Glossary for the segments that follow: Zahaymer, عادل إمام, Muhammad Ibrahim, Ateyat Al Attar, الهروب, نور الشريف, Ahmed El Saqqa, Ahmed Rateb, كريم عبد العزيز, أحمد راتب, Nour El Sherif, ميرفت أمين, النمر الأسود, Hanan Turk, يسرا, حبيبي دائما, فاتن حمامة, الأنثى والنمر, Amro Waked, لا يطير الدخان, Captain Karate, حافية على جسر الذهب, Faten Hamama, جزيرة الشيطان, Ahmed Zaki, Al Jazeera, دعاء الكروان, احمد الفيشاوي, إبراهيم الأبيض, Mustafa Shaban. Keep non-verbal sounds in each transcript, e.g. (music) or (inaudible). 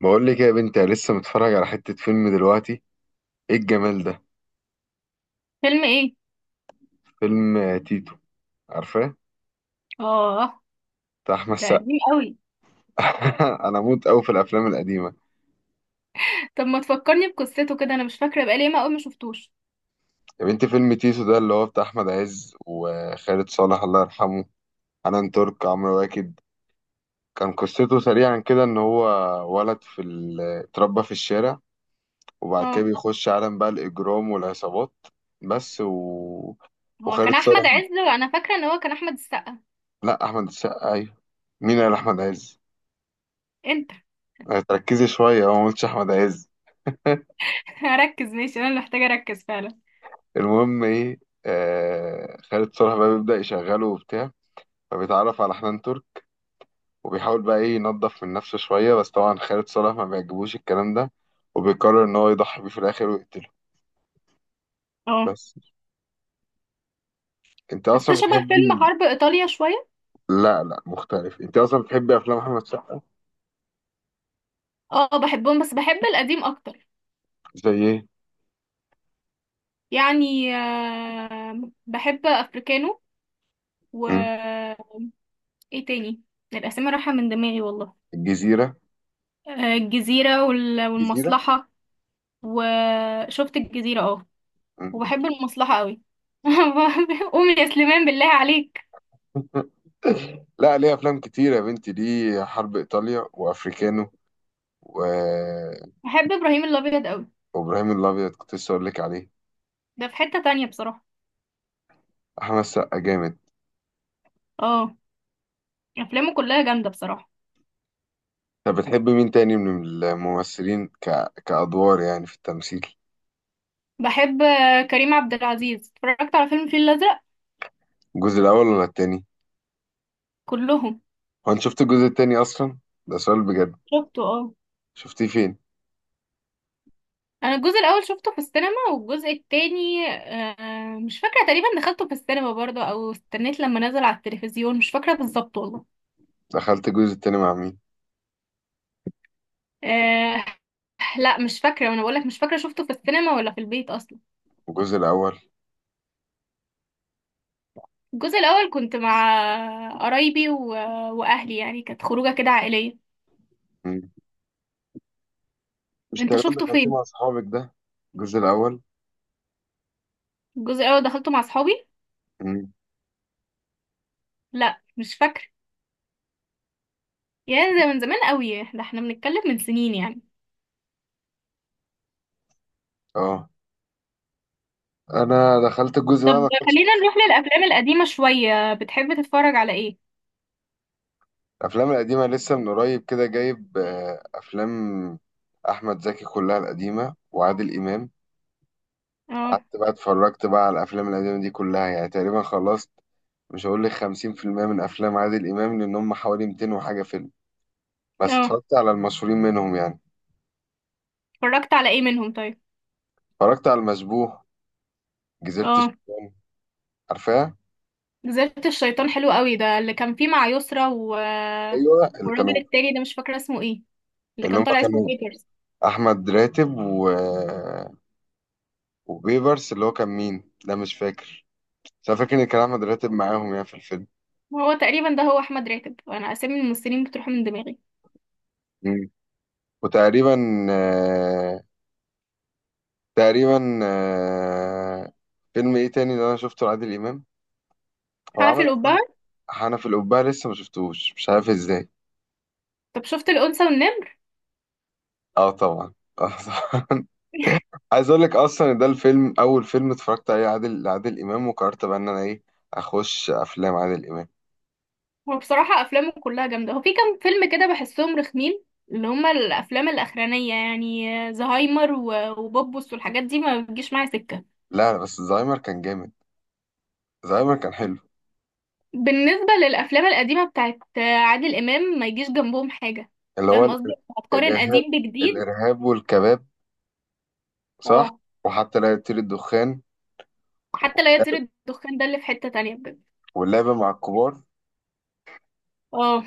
بقول لك يا بنتي، أنا لسه متفرج على حتة فيلم دلوقتي. ايه الجمال ده؟ فيلم ايه؟ فيلم تيتو. عارفاه؟ اه. بتاع احمد ده السقا. قديم قوي. (laughs) انا اموت قوي في الافلام القديمه. طب ما تفكرني بقصته كده، انا مش فاكره، بقالي ما قوي ما شفتوش. يا بنتي فيلم تيتو ده اللي هو بتاع احمد عز وخالد صالح الله يرحمه، حنان ترك، عمرو واكد. كان قصته سريعا كده ان هو ولد في اتربى في الشارع. وبعد كده اه. بيخش عالم بقى الاجرام والعصابات. بس و... هو كان وخالد صالح. احمد عز وانا فاكره ان هو كان احمد السقا. لا، احمد السقا ايوه. مين قال احمد عز؟ انت. تركزي شويه، هو ما قلتش احمد عز. (laughs) ركز ماشي، انا اللي محتاجه اركز فعلا. المهم ايه؟ آه، خالد صالح بقى بيبدأ يشغله وبتاع. فبيتعرف على حنان ترك. وبيحاول بقى ايه ينظف من نفسه شوية، بس طبعا خالد صالح ما بيعجبوش الكلام ده، وبيقرر ان هو يضحي بيه في الاخر ويقتله. اه، بس انت اصلا حتى شبه بتحبي. فيلم حرب ايطاليا شويه. لا لا، مختلف. انت اصلا بتحبي افلام احمد سقا. اه، بحبهم بس بحب القديم اكتر. زي ايه؟ يعني بحب افريكانو و مم. ايه تاني؟ الاسامي رايحه من دماغي والله. الجزيرة. الجزيره الجزيرة. والمصلحه. وشفت الجزيره، اه. مم. وبحب المصلحة قوي. (laughs) قومي يا سليمان بالله عليك. (laughs) لا، ليه افلام كتير يا بنتي، ليه؟ حرب ايطاليا وافريكانو و... بحب ابراهيم الابيض قوي. وابراهيم الابيض كنت لسه اقول لك عليه. ده في حتة تانية بصراحة. احمد سقا جامد. اه. افلامه كلها جامدة بصراحة. طب بتحب مين تاني من الممثلين كأدوار يعني في التمثيل؟ بحب كريم عبد العزيز، اتفرجت على فيلم الفيل الازرق. الجزء الأول ولا التاني؟ كلهم. هو أنت شفت الجزء التاني أصلا؟ ده سؤال بجد. شفته، اه. شفتيه فين؟ انا الجزء الاول شفته في السينما والجزء التاني مش فاكرة، تقريبا دخلته في السينما برضه او استنيت لما نزل على التلفزيون، مش فاكرة بالظبط والله. دخلت الجزء التاني مع مين؟ أه لا مش فاكرة، وانا بقولك مش فاكرة شفته في السينما ولا في البيت اصلا. الجزء الأول. الجزء الاول كنت مع قرايبي واهلي، يعني كانت خروجه كده عائليه. مم. مش انت تقريبا شفته دخلتيه فين؟ مع صحابك ده؟ الجزء الأول. الجزء الاول دخلته مع اصحابي. مم. لا مش فاكره. يعني ده من زمان قوي، ده احنا بنتكلم من سنين يعني. اه، أنا دخلت الجزء طب ده، ما دخلتش. خلينا نروح للافلام القديمه شويه، بتحب تتفرج على ايه؟ الأفلام القديمة لسه من قريب كده جايب أفلام أحمد زكي كلها القديمة وعادل إمام. اه. قعدت بقى اتفرجت بقى على الافلام القديمه دي كلها، يعني تقريبا خلصت. مش هقول لك 50% من افلام عادل امام لان هم حوالي 200 وحاجه فيلم. بس اه. اتفرجت على المشهورين منهم يعني. اتفرجت على ايه منهم طيب؟ اتفرجت على المشبوه، جزيره اه. الشيطان. عارفاها؟ جزيرة الشيطان حلو قوي، ده اللي كان فيه مع يسرا ايوه اللي والراجل كانوا. التاني ده مش فاكره اسمه ايه، اللي اللي هم كان طالع اسمه كانوا بيترز. احمد راتب وبيبرس، اللي هو كان مين؟ لا، مش فاكر. بس انا فاكر ان كان احمد راتب معاهم يعني في الفيلم. هو تقريبا ده هو احمد راتب، انا اسامي الممثلين بتروح من دماغي. مم. وتقريبا، آه، تقريبا، فيلم ايه تاني اللي انا شفته لعادل امام؟ هو حنفي عمل افلام. القبعة. حنف القبعة لسه ما شفتوش، مش عارف ازاي. طب شفت الأنثى والنمر؟ اه طبعا. اه طبعا. (laughs) عايز اقول لك اصلا إن ده الفيلم اول فيلم اتفرجت عليه لعادل امام، وقررت بقى ان انا ايه اخش افلام عادل امام. هو بصراحة أفلامه كلها جامدة، هو في كام فيلم كده بحسهم رخمين. اللي هما الأفلام الأخرانية يعني. زهايمر وبوبوس والحاجات دي ما بتجيش معايا سكة. لا لا، بس زهايمر كان جامد. زهايمر كان حلو. بالنسبة للأفلام القديمة بتاعت عادل إمام ما يجيش جنبهم حاجة. اللي هو فاهم قصدي؟ هتقارن الارهاب. قديم بجديد؟ الارهاب والكباب. صح. اه. وحتى لا يطير الدخان. حتى لا يطير الدخان ده اللي في حتة تانية بجد. واللعبة مع الكبار. اه.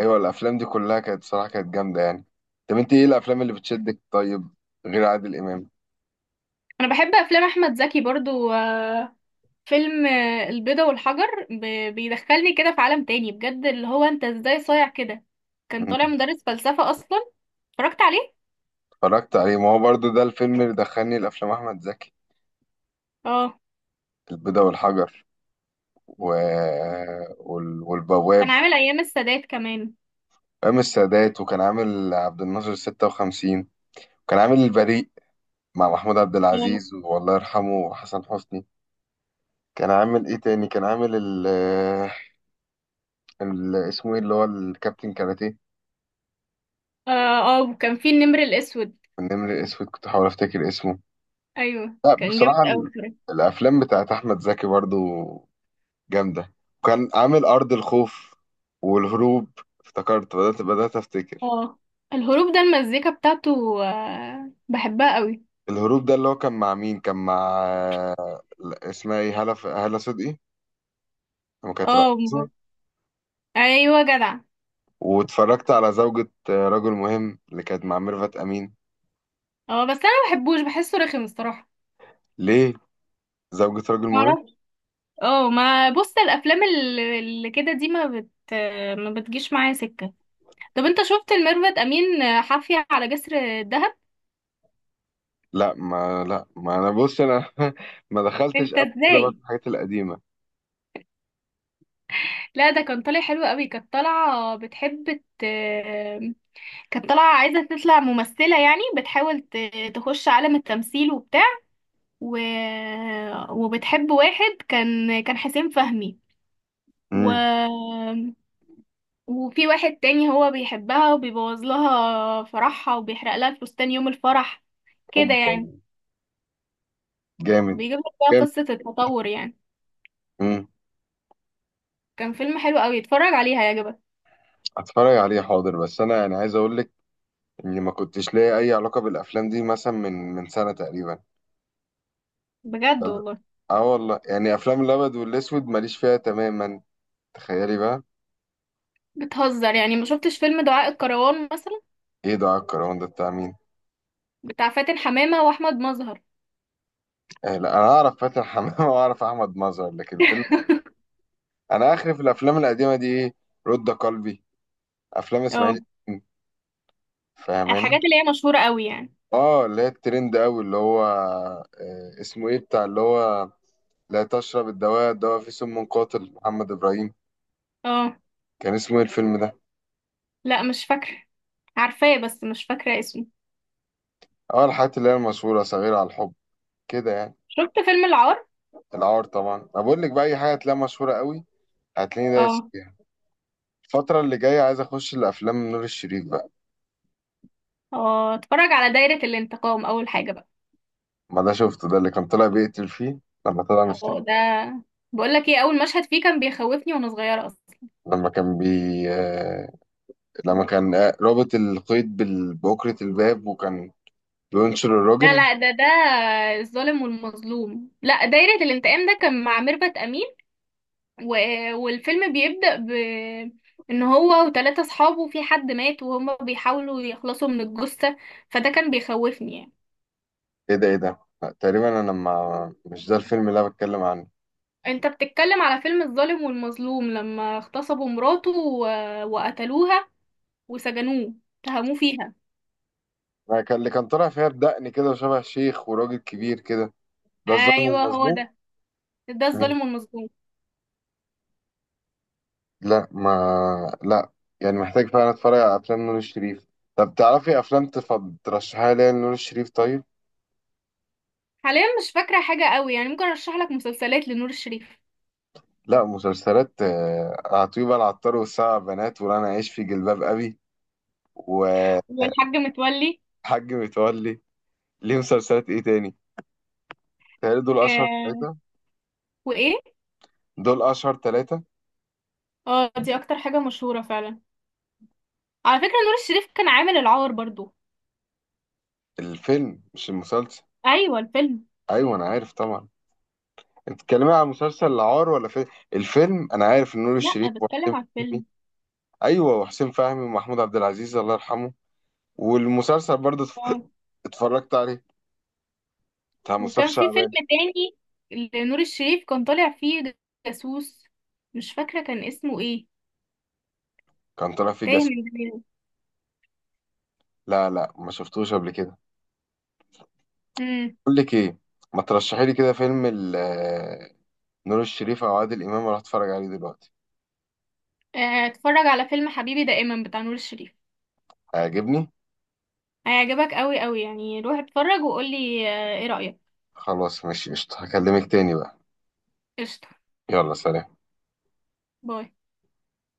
ايوه الافلام دي كلها كانت صراحة كانت جامدة يعني. طب انت ايه الافلام اللي بتشدك طيب؟ غير عادل امام. أنا بحب أفلام أحمد زكي برضو. فيلم البيضة والحجر بيدخلني كده في عالم تاني بجد، اللي هو انت ازاي صايع كده. كان طالع مدرس فلسفة اصلا. اتفرجت عليه. اتفرجت عليه، ما هو برضو ده الفيلم اللي دخلني لأفلام أحمد زكي، اه. البيضة والحجر و... كان والبواب. عامل ايام السادات كمان. أيام السادات، وكان عامل عبد الناصر 56، وكان عامل البريء مع محمود عبد اه. العزيز والله يرحمه وحسن حسني. كان عامل إيه تاني؟ كان عامل اسمه إيه اللي هو الكابتن كاراتيه. اه. وكان فيه النمر الاسود. النمر الأسود كنت بحاول أفتكر اسمه. ايوه لا كان بصراحة، جامد اوي بصراحة. الأفلام بتاعت أحمد زكي برضو جامدة. كان عامل أرض الخوف والهروب. افتكرت، بدأت أفتكر. اه. الهروب ده المزيكا بتاعته بحبها قوي. الهروب ده اللي هو كان مع مين؟ كان مع، لا، اسمها ايه، هالة هالة صدقي لما كانت اه، رقاصة. ايوه جدع. واتفرجت على زوجة رجل مهم اللي كانت مع ميرفت أمين. اه بس انا ما بحبوش بحسه رخم الصراحه. ليه؟ زوجة رجل مهم. معرفش. اه، ما بص الافلام اللي كده دي ما بتجيش معايا سكه. طب انت شفت الميرفت امين حافية على جسر الدهب؟ لا، ما لا، ما أنا بص أنا (laughs) ما دخلتش انت قبل كده بقى في ازاي؟ الحاجات القديمة. لا ده كان طالع حلو قوي، كانت طالعة بتحب كانت طالعة عايزة تطلع ممثلة، يعني بتحاول تخش عالم التمثيل وبتاع و... وبتحب واحد كان حسين فهمي. و... امم. وفي واحد تاني هو بيحبها وبيبوظ لها فرحها وبيحرق لها الفستان يوم الفرح كده يعني. جامد. بيجيب لك بقى جامد. قصة التطور يعني. امم. كان فيلم حلو قوي، اتفرج عليه هيعجبك. هتفرج عليه حاضر، بس أنا يعني عايز أقول لك اني ما كنتش ليا اي علاقه بالافلام دي مثلا من سنه تقريبا. بجد والله. اه والله، يعني افلام الابيض والاسود ماليش فيها تماما. تخيلي بقى. بتهزر، يعني ما شفتش فيلم دعاء الكروان مثلا؟ ايه ده الكرهون ده بتاع مين؟ بتاع فاتن حمامة واحمد مظهر. آه لا، انا اعرف فاتن حمامه (laughs) واعرف احمد مظهر، لكن فيلم؟ انا اخري في الافلام القديمه دي ايه؟ رد قلبي، افلام اه. اسماعيل ياسين، فاهماني؟ الحاجات اللي هي مشهورة قوي يعني. اه، اللي هي الترند قوي، اللي هو اسمه ايه بتاع اللي هو، لا تشرب الدواء، الدواء فيه سم قاتل، محمد ابراهيم. اه. كان اسمه ايه الفيلم ده؟ لا مش فاكرة. عارفاه بس مش فاكرة اسمه. اه الحاجات اللي هي المشهوره، صغيره على الحب كده يعني. شفت فيلم العار؟ العار طبعا، انا بقول لك بقى اي حاجه هتلاقيها مشهوره قوي هتلاقيني دايس اه. فيها. الفتره اللي جايه عايز اخش لافلام نور الشريف بقى. اه. اتفرج على دايرة الانتقام اول حاجة بقى. ما ده شفته، ده اللي كان طالع بيقتل فيه لما طلع مشتاق. اه ده. بقولك ايه، اول مشهد فيه كان بيخوفني وانا صغيرة اصلا. لما كان بي آه، لما كان رابط القيد بأكرة الباب، وكان بينشر لا الراجل. لا، ده الظالم والمظلوم. لا دايرة الانتقام ده كان مع ميرفت امين و... والفيلم بيبدأ ان هو وثلاثة اصحابه، في حد مات وهم بيحاولوا يخلصوا من الجثة، فده كان بيخوفني يعني. ايه ده، ايه ده، لا، تقريبا انا ما مش ده الفيلم اللي انا بتكلم عنه. انت بتتكلم على فيلم الظالم والمظلوم لما اغتصبوا مراته وقتلوها وسجنوه، اتهموه فيها. لا، كان اللي كان طالع فيها بدقن كده وشبه شيخ وراجل كبير كده، ده الظالم ايوه هو المظلوم. ده، ده الظالم والمظلوم. لا ما لا. يعني محتاج فعلا اتفرج على افلام نور الشريف. طب تعرفي افلام ترشحها لي نور الشريف طيب؟ حاليا مش فاكرة حاجة قوي يعني، ممكن ارشح لك مسلسلات لنور الشريف. لا، مسلسلات. عطيبة العطار والسبع بنات وانا عايش في جلباب ابي، وحاج والحاج متولي. متولي. ليه مسلسلات ايه تاني؟ تهيألي دول اشهر آه... ثلاثة. وايه؟ دول اشهر ثلاثة. اه، دي اكتر حاجة مشهورة فعلا. على فكرة نور الشريف كان عامل العار برضو. الفيلم مش المسلسل. ايوه الفيلم. ايوه انا عارف طبعا. انت بتتكلمي عن مسلسل العار ولا فيلم؟ الفيلم انا عارف إن نور الشريف لا وحسين بتكلم على فهمي. الفيلم. ايوه وحسين فهمي ومحمود عبد العزيز الله يرحمه. والمسلسل برضه اه. اتفرجت عليه بتاع مصطفى وكان في فيلم شعبان. تاني لنور الشريف كان طالع فيه جاسوس، مش فاكره كان اسمه ايه، كان طالع فيه تايه جاسم. من دماغي. لا لا، ما شفتوش قبل كده. امم. اقول لك ايه، ما ترشحي لي كده فيلم نور الشريف او عادل امام اروح اتفرج عليه دلوقتي. اتفرج على فيلم حبيبي دائما بتاع نور الشريف، هيعجبني. هيعجبك قوي قوي يعني، روح اتفرج وقولي ايه رأيك. خلاص ماشي قشطة، هكلمك تاني بقى. قشطه. يلا سلام. باي.